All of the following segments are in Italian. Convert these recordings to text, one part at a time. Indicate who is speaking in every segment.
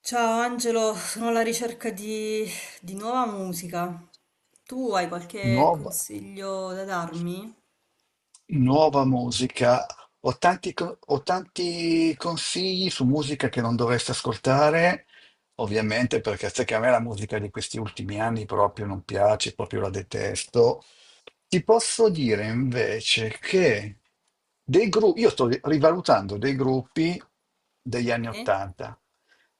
Speaker 1: Ciao Angelo, sono alla ricerca di nuova musica. Tu hai qualche
Speaker 2: Nuova,
Speaker 1: consiglio da darmi?
Speaker 2: nuova musica. Ho tanti consigli su musica che non dovresti ascoltare, ovviamente, perché sai che a me la musica di questi ultimi anni proprio non piace, proprio la detesto. Ti posso dire invece che dei gruppi, io sto rivalutando dei gruppi degli anni
Speaker 1: Sì?
Speaker 2: Ottanta,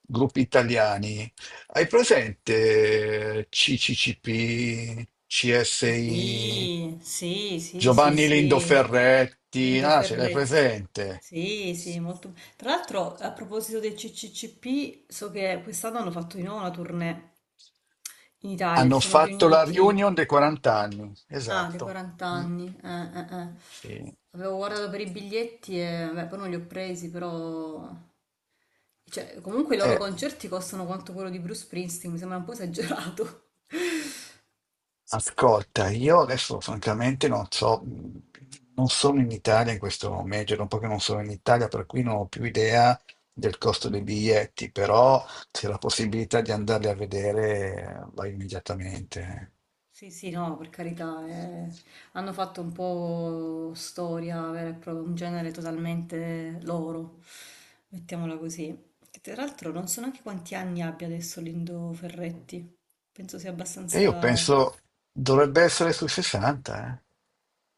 Speaker 2: gruppi italiani. Hai presente CCCP, CSI,
Speaker 1: Sì, sì, sì, sì,
Speaker 2: Giovanni
Speaker 1: sì.
Speaker 2: Lindoferretti?
Speaker 1: Lindo
Speaker 2: Ah, ce l'hai
Speaker 1: Ferretti.
Speaker 2: presente?
Speaker 1: Sì, sì, molto. Tra l'altro, a proposito del CCCP, so che quest'anno hanno fatto di nuovo una tournée in Italia, si
Speaker 2: Hanno
Speaker 1: sono
Speaker 2: fatto la
Speaker 1: riuniti.
Speaker 2: reunion dei 40 anni,
Speaker 1: Ah, dei
Speaker 2: esatto.
Speaker 1: 40
Speaker 2: Mm,
Speaker 1: anni. Eh.
Speaker 2: sì.
Speaker 1: Avevo guardato per i biglietti e beh, poi non li ho presi, però, cioè, comunque i loro
Speaker 2: Eh,
Speaker 1: concerti costano quanto quello di Bruce Springsteen, mi sembra un po' esagerato.
Speaker 2: Ascolta, io adesso francamente non so, non sono in Italia in questo momento, è un po' che non sono in Italia, per cui non ho più idea del costo dei biglietti, però c'è la possibilità di andarli a vedere, vai immediatamente.
Speaker 1: Sì, sì, no, per carità, eh. Hanno fatto un po' storia, vera e propria, un genere totalmente loro, mettiamola così. Che tra l'altro non so neanche quanti anni abbia adesso Lindo Ferretti, penso sia
Speaker 2: E io
Speaker 1: abbastanza...
Speaker 2: penso dovrebbe essere sui 60,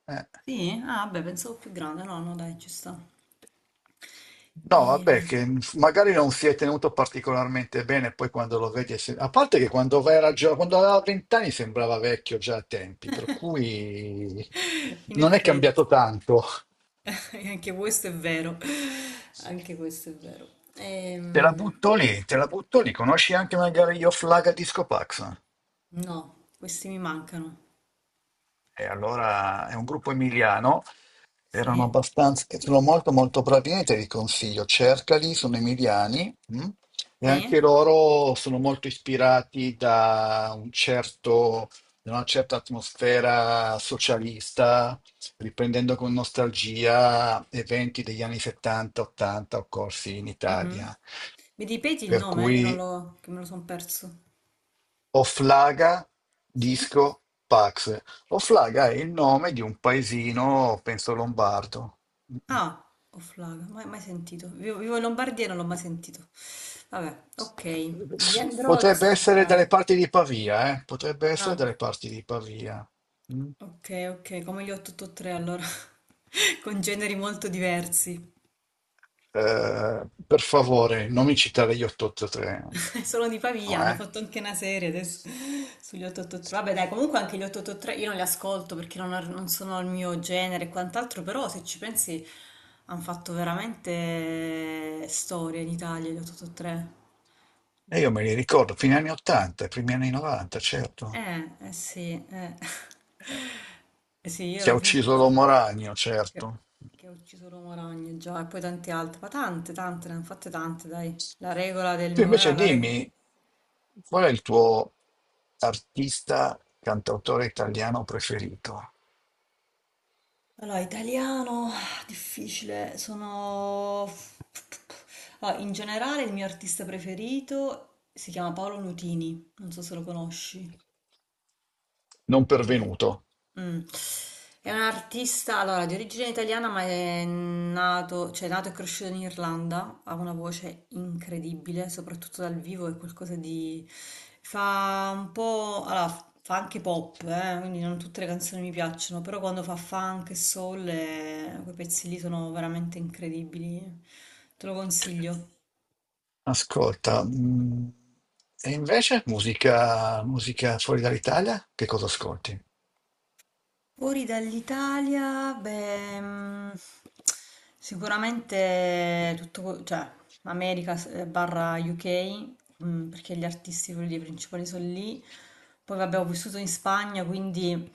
Speaker 2: eh.
Speaker 1: Sì? Ah, beh, pensavo più grande, no, no, dai, ci sta. E...
Speaker 2: No, vabbè, che magari non si è tenuto particolarmente bene, poi quando lo vedi. A parte che quando quando aveva 20 anni sembrava vecchio già a tempi, per cui
Speaker 1: In
Speaker 2: non è
Speaker 1: effetti.
Speaker 2: cambiato tanto.
Speaker 1: E anche questo è vero, anche questo è vero.
Speaker 2: Te la butto lì, te la butto lì, conosci anche magari Io Flaga Disco Pax?
Speaker 1: No, questi mi mancano.
Speaker 2: E allora è un gruppo emiliano, erano
Speaker 1: Sì,
Speaker 2: abbastanza, e sono molto molto bravi, niente vi consiglio, cercali, sono emiliani, mm? E
Speaker 1: sì.
Speaker 2: anche loro sono molto ispirati da un certo, da una certa atmosfera socialista, riprendendo con nostalgia eventi degli anni 70-80 occorsi in
Speaker 1: Mhm.
Speaker 2: Italia.
Speaker 1: Mi ripeti il
Speaker 2: Per
Speaker 1: nome, che
Speaker 2: cui
Speaker 1: non l'ho, che me lo sono perso.
Speaker 2: Oflaga,
Speaker 1: Sì?
Speaker 2: Disco, Pax. Oflaga è il nome di un paesino, penso lombardo.
Speaker 1: Ah, Oflaga, mai, mai sentito. Vivo in Lombardia e non l'ho mai sentito. Vabbè, ok, li andrò ad
Speaker 2: Potrebbe essere
Speaker 1: ascoltare.
Speaker 2: dalle parti di Pavia, eh? Potrebbe essere
Speaker 1: Ah,
Speaker 2: dalle parti di Pavia. Mm.
Speaker 1: ok, ok, come gli 883 allora, con generi molto diversi.
Speaker 2: Per favore, non mi citare gli 883.
Speaker 1: Sono di Pavia,
Speaker 2: No,
Speaker 1: hanno
Speaker 2: eh?
Speaker 1: fatto anche una serie adesso sugli 883. Vabbè, dai, comunque anche gli 883 io non li ascolto perché non sono il mio genere e quant'altro, però se ci pensi hanno fatto veramente storia in Italia gli 883.
Speaker 2: E io me li ricordo, fine anni 80, primi anni 90, certo.
Speaker 1: Eh sì, eh.
Speaker 2: Eh,
Speaker 1: Eh sì, io
Speaker 2: Che
Speaker 1: ero
Speaker 2: ha ucciso
Speaker 1: piccola
Speaker 2: l'uomo ragno,
Speaker 1: che,
Speaker 2: certo.
Speaker 1: che ho ucciso l'uomo ragno già e poi tante altre, ma tante, tante, ne hanno fatte tante, dai. La regola del
Speaker 2: Tu
Speaker 1: mio era
Speaker 2: invece
Speaker 1: la regola.
Speaker 2: dimmi, qual è il tuo artista, cantautore italiano preferito?
Speaker 1: Allora, italiano, difficile, sono... Allora, in generale il mio artista preferito si chiama Paolo Nutini, non so se lo conosci.
Speaker 2: Non
Speaker 1: Ed è...
Speaker 2: pervenuto.
Speaker 1: Mm. È un artista, allora, di origine italiana, ma è nato, cioè, è nato e cresciuto in Irlanda, ha una voce incredibile, soprattutto dal vivo, è qualcosa di... Fa un po'... Allora, fa anche pop, quindi non tutte le canzoni mi piacciono, però quando fa funk e soul, quei pezzi lì sono veramente incredibili, te lo consiglio.
Speaker 2: Ascolta, e invece musica, musica fuori dall'Italia? Che cosa ascolti?
Speaker 1: Fuori dall'Italia, beh, sicuramente tutto, cioè, America barra UK, perché gli artisti quelli principali sono lì. Poi vabbè, ho vissuto in Spagna, quindi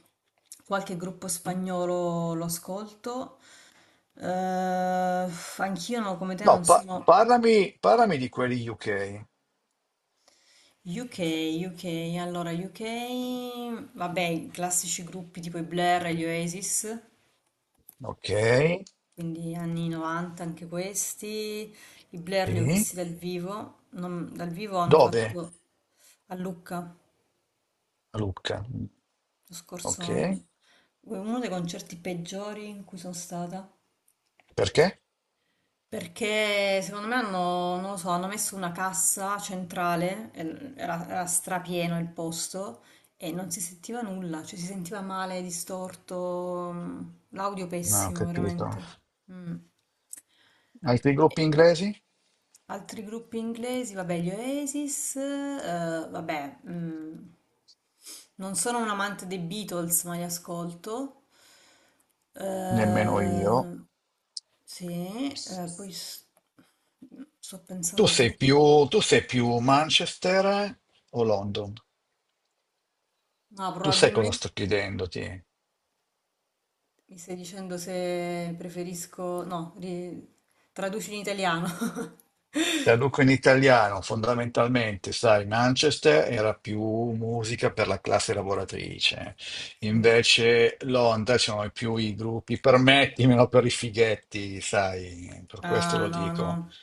Speaker 1: qualche gruppo spagnolo lo ascolto. Eh, anch'io no, come te
Speaker 2: No,
Speaker 1: non sono.
Speaker 2: parlami di quelli UK.
Speaker 1: UK, UK, allora UK, vabbè, i classici gruppi tipo i Blur e gli Oasis.
Speaker 2: Ok,
Speaker 1: Quindi anni 90 anche questi, i Blair li ho
Speaker 2: sì.
Speaker 1: visti dal vivo, dal vivo hanno
Speaker 2: Dove?
Speaker 1: fatto a Lucca
Speaker 2: A Lucca.
Speaker 1: lo scorso
Speaker 2: Ok,
Speaker 1: anno, uno dei concerti peggiori in cui sono stata,
Speaker 2: perché?
Speaker 1: perché secondo me hanno, non lo so, hanno messo una cassa centrale, e era strapieno il posto e non si sentiva nulla, cioè si sentiva male, distorto, l'audio
Speaker 2: Non ho
Speaker 1: pessimo
Speaker 2: capito.
Speaker 1: veramente. Mm.
Speaker 2: Altri gruppi inglesi?
Speaker 1: Altri gruppi inglesi, vabbè, gli Oasis, vabbè, non sono un amante dei Beatles, ma li ascolto.
Speaker 2: Nemmeno io.
Speaker 1: Eh, sì, poi sto
Speaker 2: Tu
Speaker 1: pensando
Speaker 2: sei
Speaker 1: gruppi,
Speaker 2: più, tu sei più Manchester o London?
Speaker 1: ma
Speaker 2: Tu sai cosa
Speaker 1: probabilmente
Speaker 2: sto chiedendoti?
Speaker 1: mi stai dicendo se preferisco, no, traduci in italiano.
Speaker 2: Traduco in italiano, fondamentalmente, sai, Manchester era più musica per la classe lavoratrice,
Speaker 1: Sì.
Speaker 2: invece Londra ci sono più i gruppi, permettimelo, per i fighetti, sai, per questo
Speaker 1: Ah,
Speaker 2: lo
Speaker 1: no,
Speaker 2: dico.
Speaker 1: no.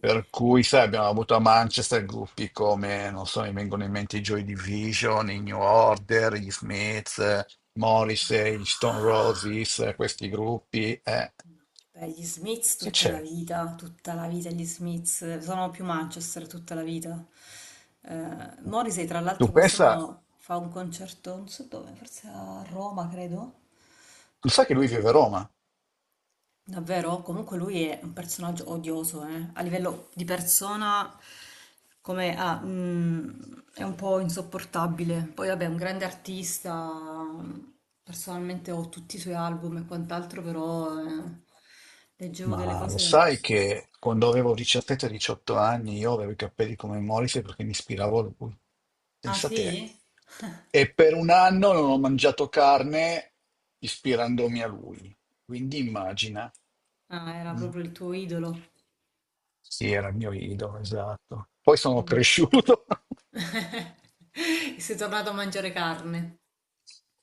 Speaker 2: Per cui, sai, abbiamo avuto a Manchester gruppi come, non so, mi vengono in mente i Joy Division, i New Order, gli Smiths, Morrissey, gli Stone
Speaker 1: Ah.
Speaker 2: Roses, questi gruppi.
Speaker 1: No, beh, gli Smiths
Speaker 2: Che c'è?
Speaker 1: tutta la vita gli Smiths, sono più Manchester tutta la vita. Morrissey tra
Speaker 2: Tu
Speaker 1: l'altro
Speaker 2: pensa,
Speaker 1: quest'anno fa un concerto, non so dove, forse a Roma credo.
Speaker 2: tu sai che lui vive a Roma?
Speaker 1: Davvero? Comunque lui è un personaggio odioso, eh. A livello di persona come, è un po' insopportabile. Poi vabbè, è un grande artista, personalmente ho tutti i suoi album e quant'altro, però leggevo delle
Speaker 2: Ma lo
Speaker 1: cose...
Speaker 2: sai che quando avevo 17-18 anni io avevo i capelli come Morrissey perché mi ispiravo a lui,
Speaker 1: Ah
Speaker 2: pensa te.
Speaker 1: sì?
Speaker 2: E per un anno non ho mangiato carne ispirandomi a lui. Quindi immagina.
Speaker 1: Ah, era
Speaker 2: Mm.
Speaker 1: proprio il tuo idolo.
Speaker 2: Sì, era il mio idolo, esatto. Poi sono
Speaker 1: Mm.
Speaker 2: cresciuto
Speaker 1: Sei tornato a mangiare carne.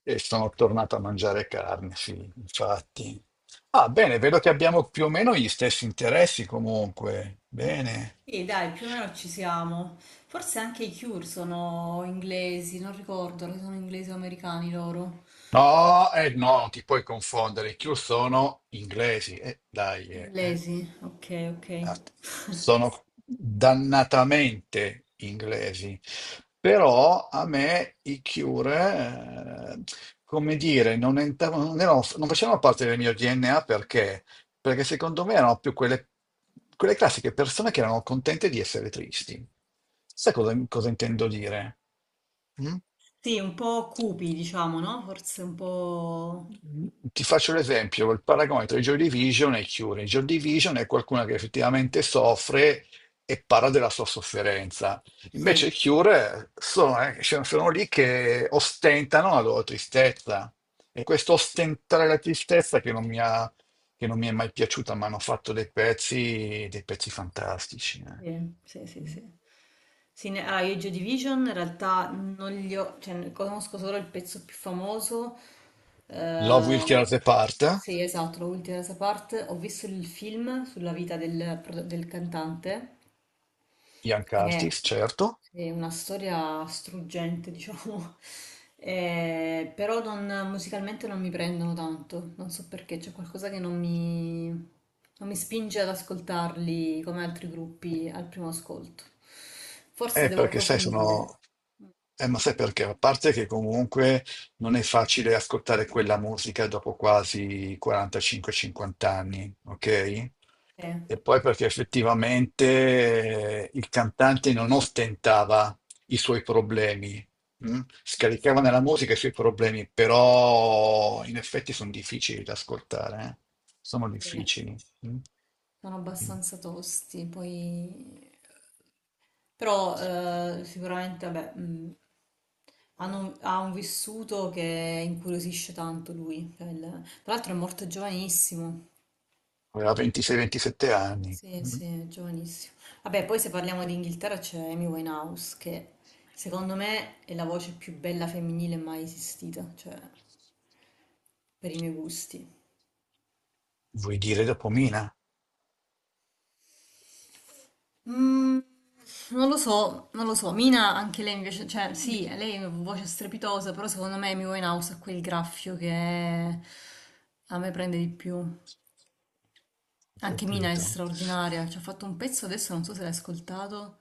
Speaker 2: e sono tornato a mangiare carne, sì, infatti. Ah, bene, vedo che abbiamo più o meno gli stessi interessi comunque. Bene.
Speaker 1: Sì, dai, più o meno ci siamo. Forse anche i Cure sono inglesi, non ricordo, se sono inglesi o americani loro.
Speaker 2: No, no, ti puoi confondere. I Cure sono inglesi. Dai, eh.
Speaker 1: Inglesi, ok, ok.
Speaker 2: Ah, sono dannatamente inglesi. Però a me i Cure, come dire, non, entravano, non, non facevano parte del mio DNA perché secondo me erano più quelle classiche persone che erano contente di essere tristi. Sai cosa intendo dire? Mm?
Speaker 1: Sì, un po' cupi, diciamo, no? Forse un po'...
Speaker 2: Ti faccio l'esempio, il paragone tra i Joy Division e i Cure. I Joy Division è qualcuno che effettivamente soffre e parla della sua sofferenza. Invece i
Speaker 1: Sì.
Speaker 2: Cure sono, sono lì che ostentano la loro tristezza. E questo ostentare la tristezza che non mi ha- che non mi è mai piaciuta, ma hanno fatto dei pezzi fantastici.
Speaker 1: Sì, sì, sì, sì. Sì, allora, io i Joy Division in realtà non li ho, cioè ne conosco solo il pezzo più famoso.
Speaker 2: Love Will Tear
Speaker 1: Eh,
Speaker 2: Us Apart,
Speaker 1: sì, esatto, l'ultima parte. Ho visto il film sulla vita del cantante.
Speaker 2: Young
Speaker 1: è,
Speaker 2: Artist, certo.
Speaker 1: è una storia struggente, diciamo. Però musicalmente non mi prendono tanto, non so perché, c'è qualcosa che non mi spinge ad ascoltarli come altri gruppi al primo ascolto. Forse devo
Speaker 2: Perché sai,
Speaker 1: approfondire.
Speaker 2: sono ma sai perché? A parte che comunque non è facile ascoltare quella musica dopo quasi 45-50 anni, ok?
Speaker 1: Eh,
Speaker 2: E poi perché effettivamente il cantante non ostentava i suoi problemi, mm? Scaricava nella musica i suoi problemi, però in effetti sono difficili da ascoltare, eh? Sono
Speaker 1: sì,
Speaker 2: difficili. Mm?
Speaker 1: sono abbastanza tosti, poi. Però sicuramente vabbè, ha un vissuto che incuriosisce tanto lui. Cioè, tra l'altro è morto giovanissimo.
Speaker 2: Aveva 26-27 anni,
Speaker 1: Sì,
Speaker 2: mm?
Speaker 1: sì, è giovanissimo. Vabbè, poi se parliamo di Inghilterra c'è Amy Winehouse, che secondo me è la voce più bella femminile mai esistita, cioè per i miei gusti.
Speaker 2: Vuoi dire dopo Mina?
Speaker 1: Mm, non lo so, non lo so.
Speaker 2: Ho
Speaker 1: Mina anche lei invece, cioè sì, lei ha una voce strepitosa, però secondo me Amy Winehouse ha quel graffio che a me prende di più. Anche Mina è
Speaker 2: Capito.
Speaker 1: straordinaria, ci ha fatto un pezzo adesso, non so se l'hai ascoltato,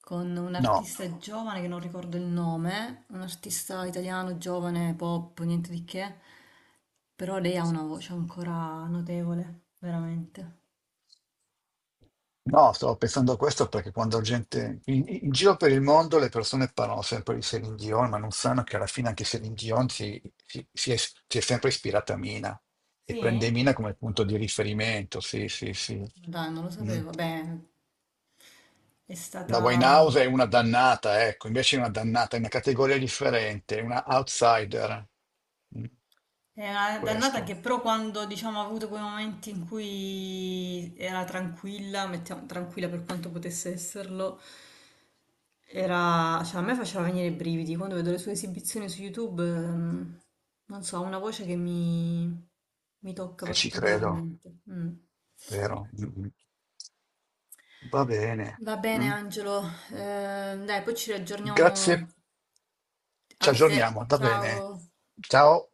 Speaker 1: con un
Speaker 2: No,
Speaker 1: artista giovane che non ricordo il nome, un artista italiano giovane, pop, niente di che, però lei ha una voce ancora notevole, veramente.
Speaker 2: no, stavo pensando a questo perché quando gente in giro per il mondo le persone parlano sempre di Celine Dion, ma non sanno che alla fine anche Celine Dion si è sempre ispirata a Mina e prende
Speaker 1: Sì?
Speaker 2: Mina come punto di riferimento. Sì, sì, sì.
Speaker 1: Ma dai, non lo
Speaker 2: Mm.
Speaker 1: sapevo. Beh, è
Speaker 2: La
Speaker 1: stata...
Speaker 2: Winehouse è una dannata, ecco, invece è una dannata, è una categoria differente, è una outsider. Mm.
Speaker 1: È una dannata che
Speaker 2: Questo.
Speaker 1: però quando, diciamo, ha avuto quei momenti in cui era tranquilla, mettiamo tranquilla per quanto potesse esserlo, era... Cioè, a me faceva venire i brividi. Quando vedo le sue esibizioni su YouTube, non so, ha una voce che mi tocca
Speaker 2: E ci credo,
Speaker 1: particolarmente. Mm.
Speaker 2: vero? Mm, mm. Va bene.
Speaker 1: Va bene,
Speaker 2: Mm.
Speaker 1: Angelo. Eh, dai, poi ci
Speaker 2: Grazie,
Speaker 1: riaggiorniamo a
Speaker 2: ci
Speaker 1: te.
Speaker 2: aggiorniamo. Va bene.
Speaker 1: Ciao.
Speaker 2: Ciao.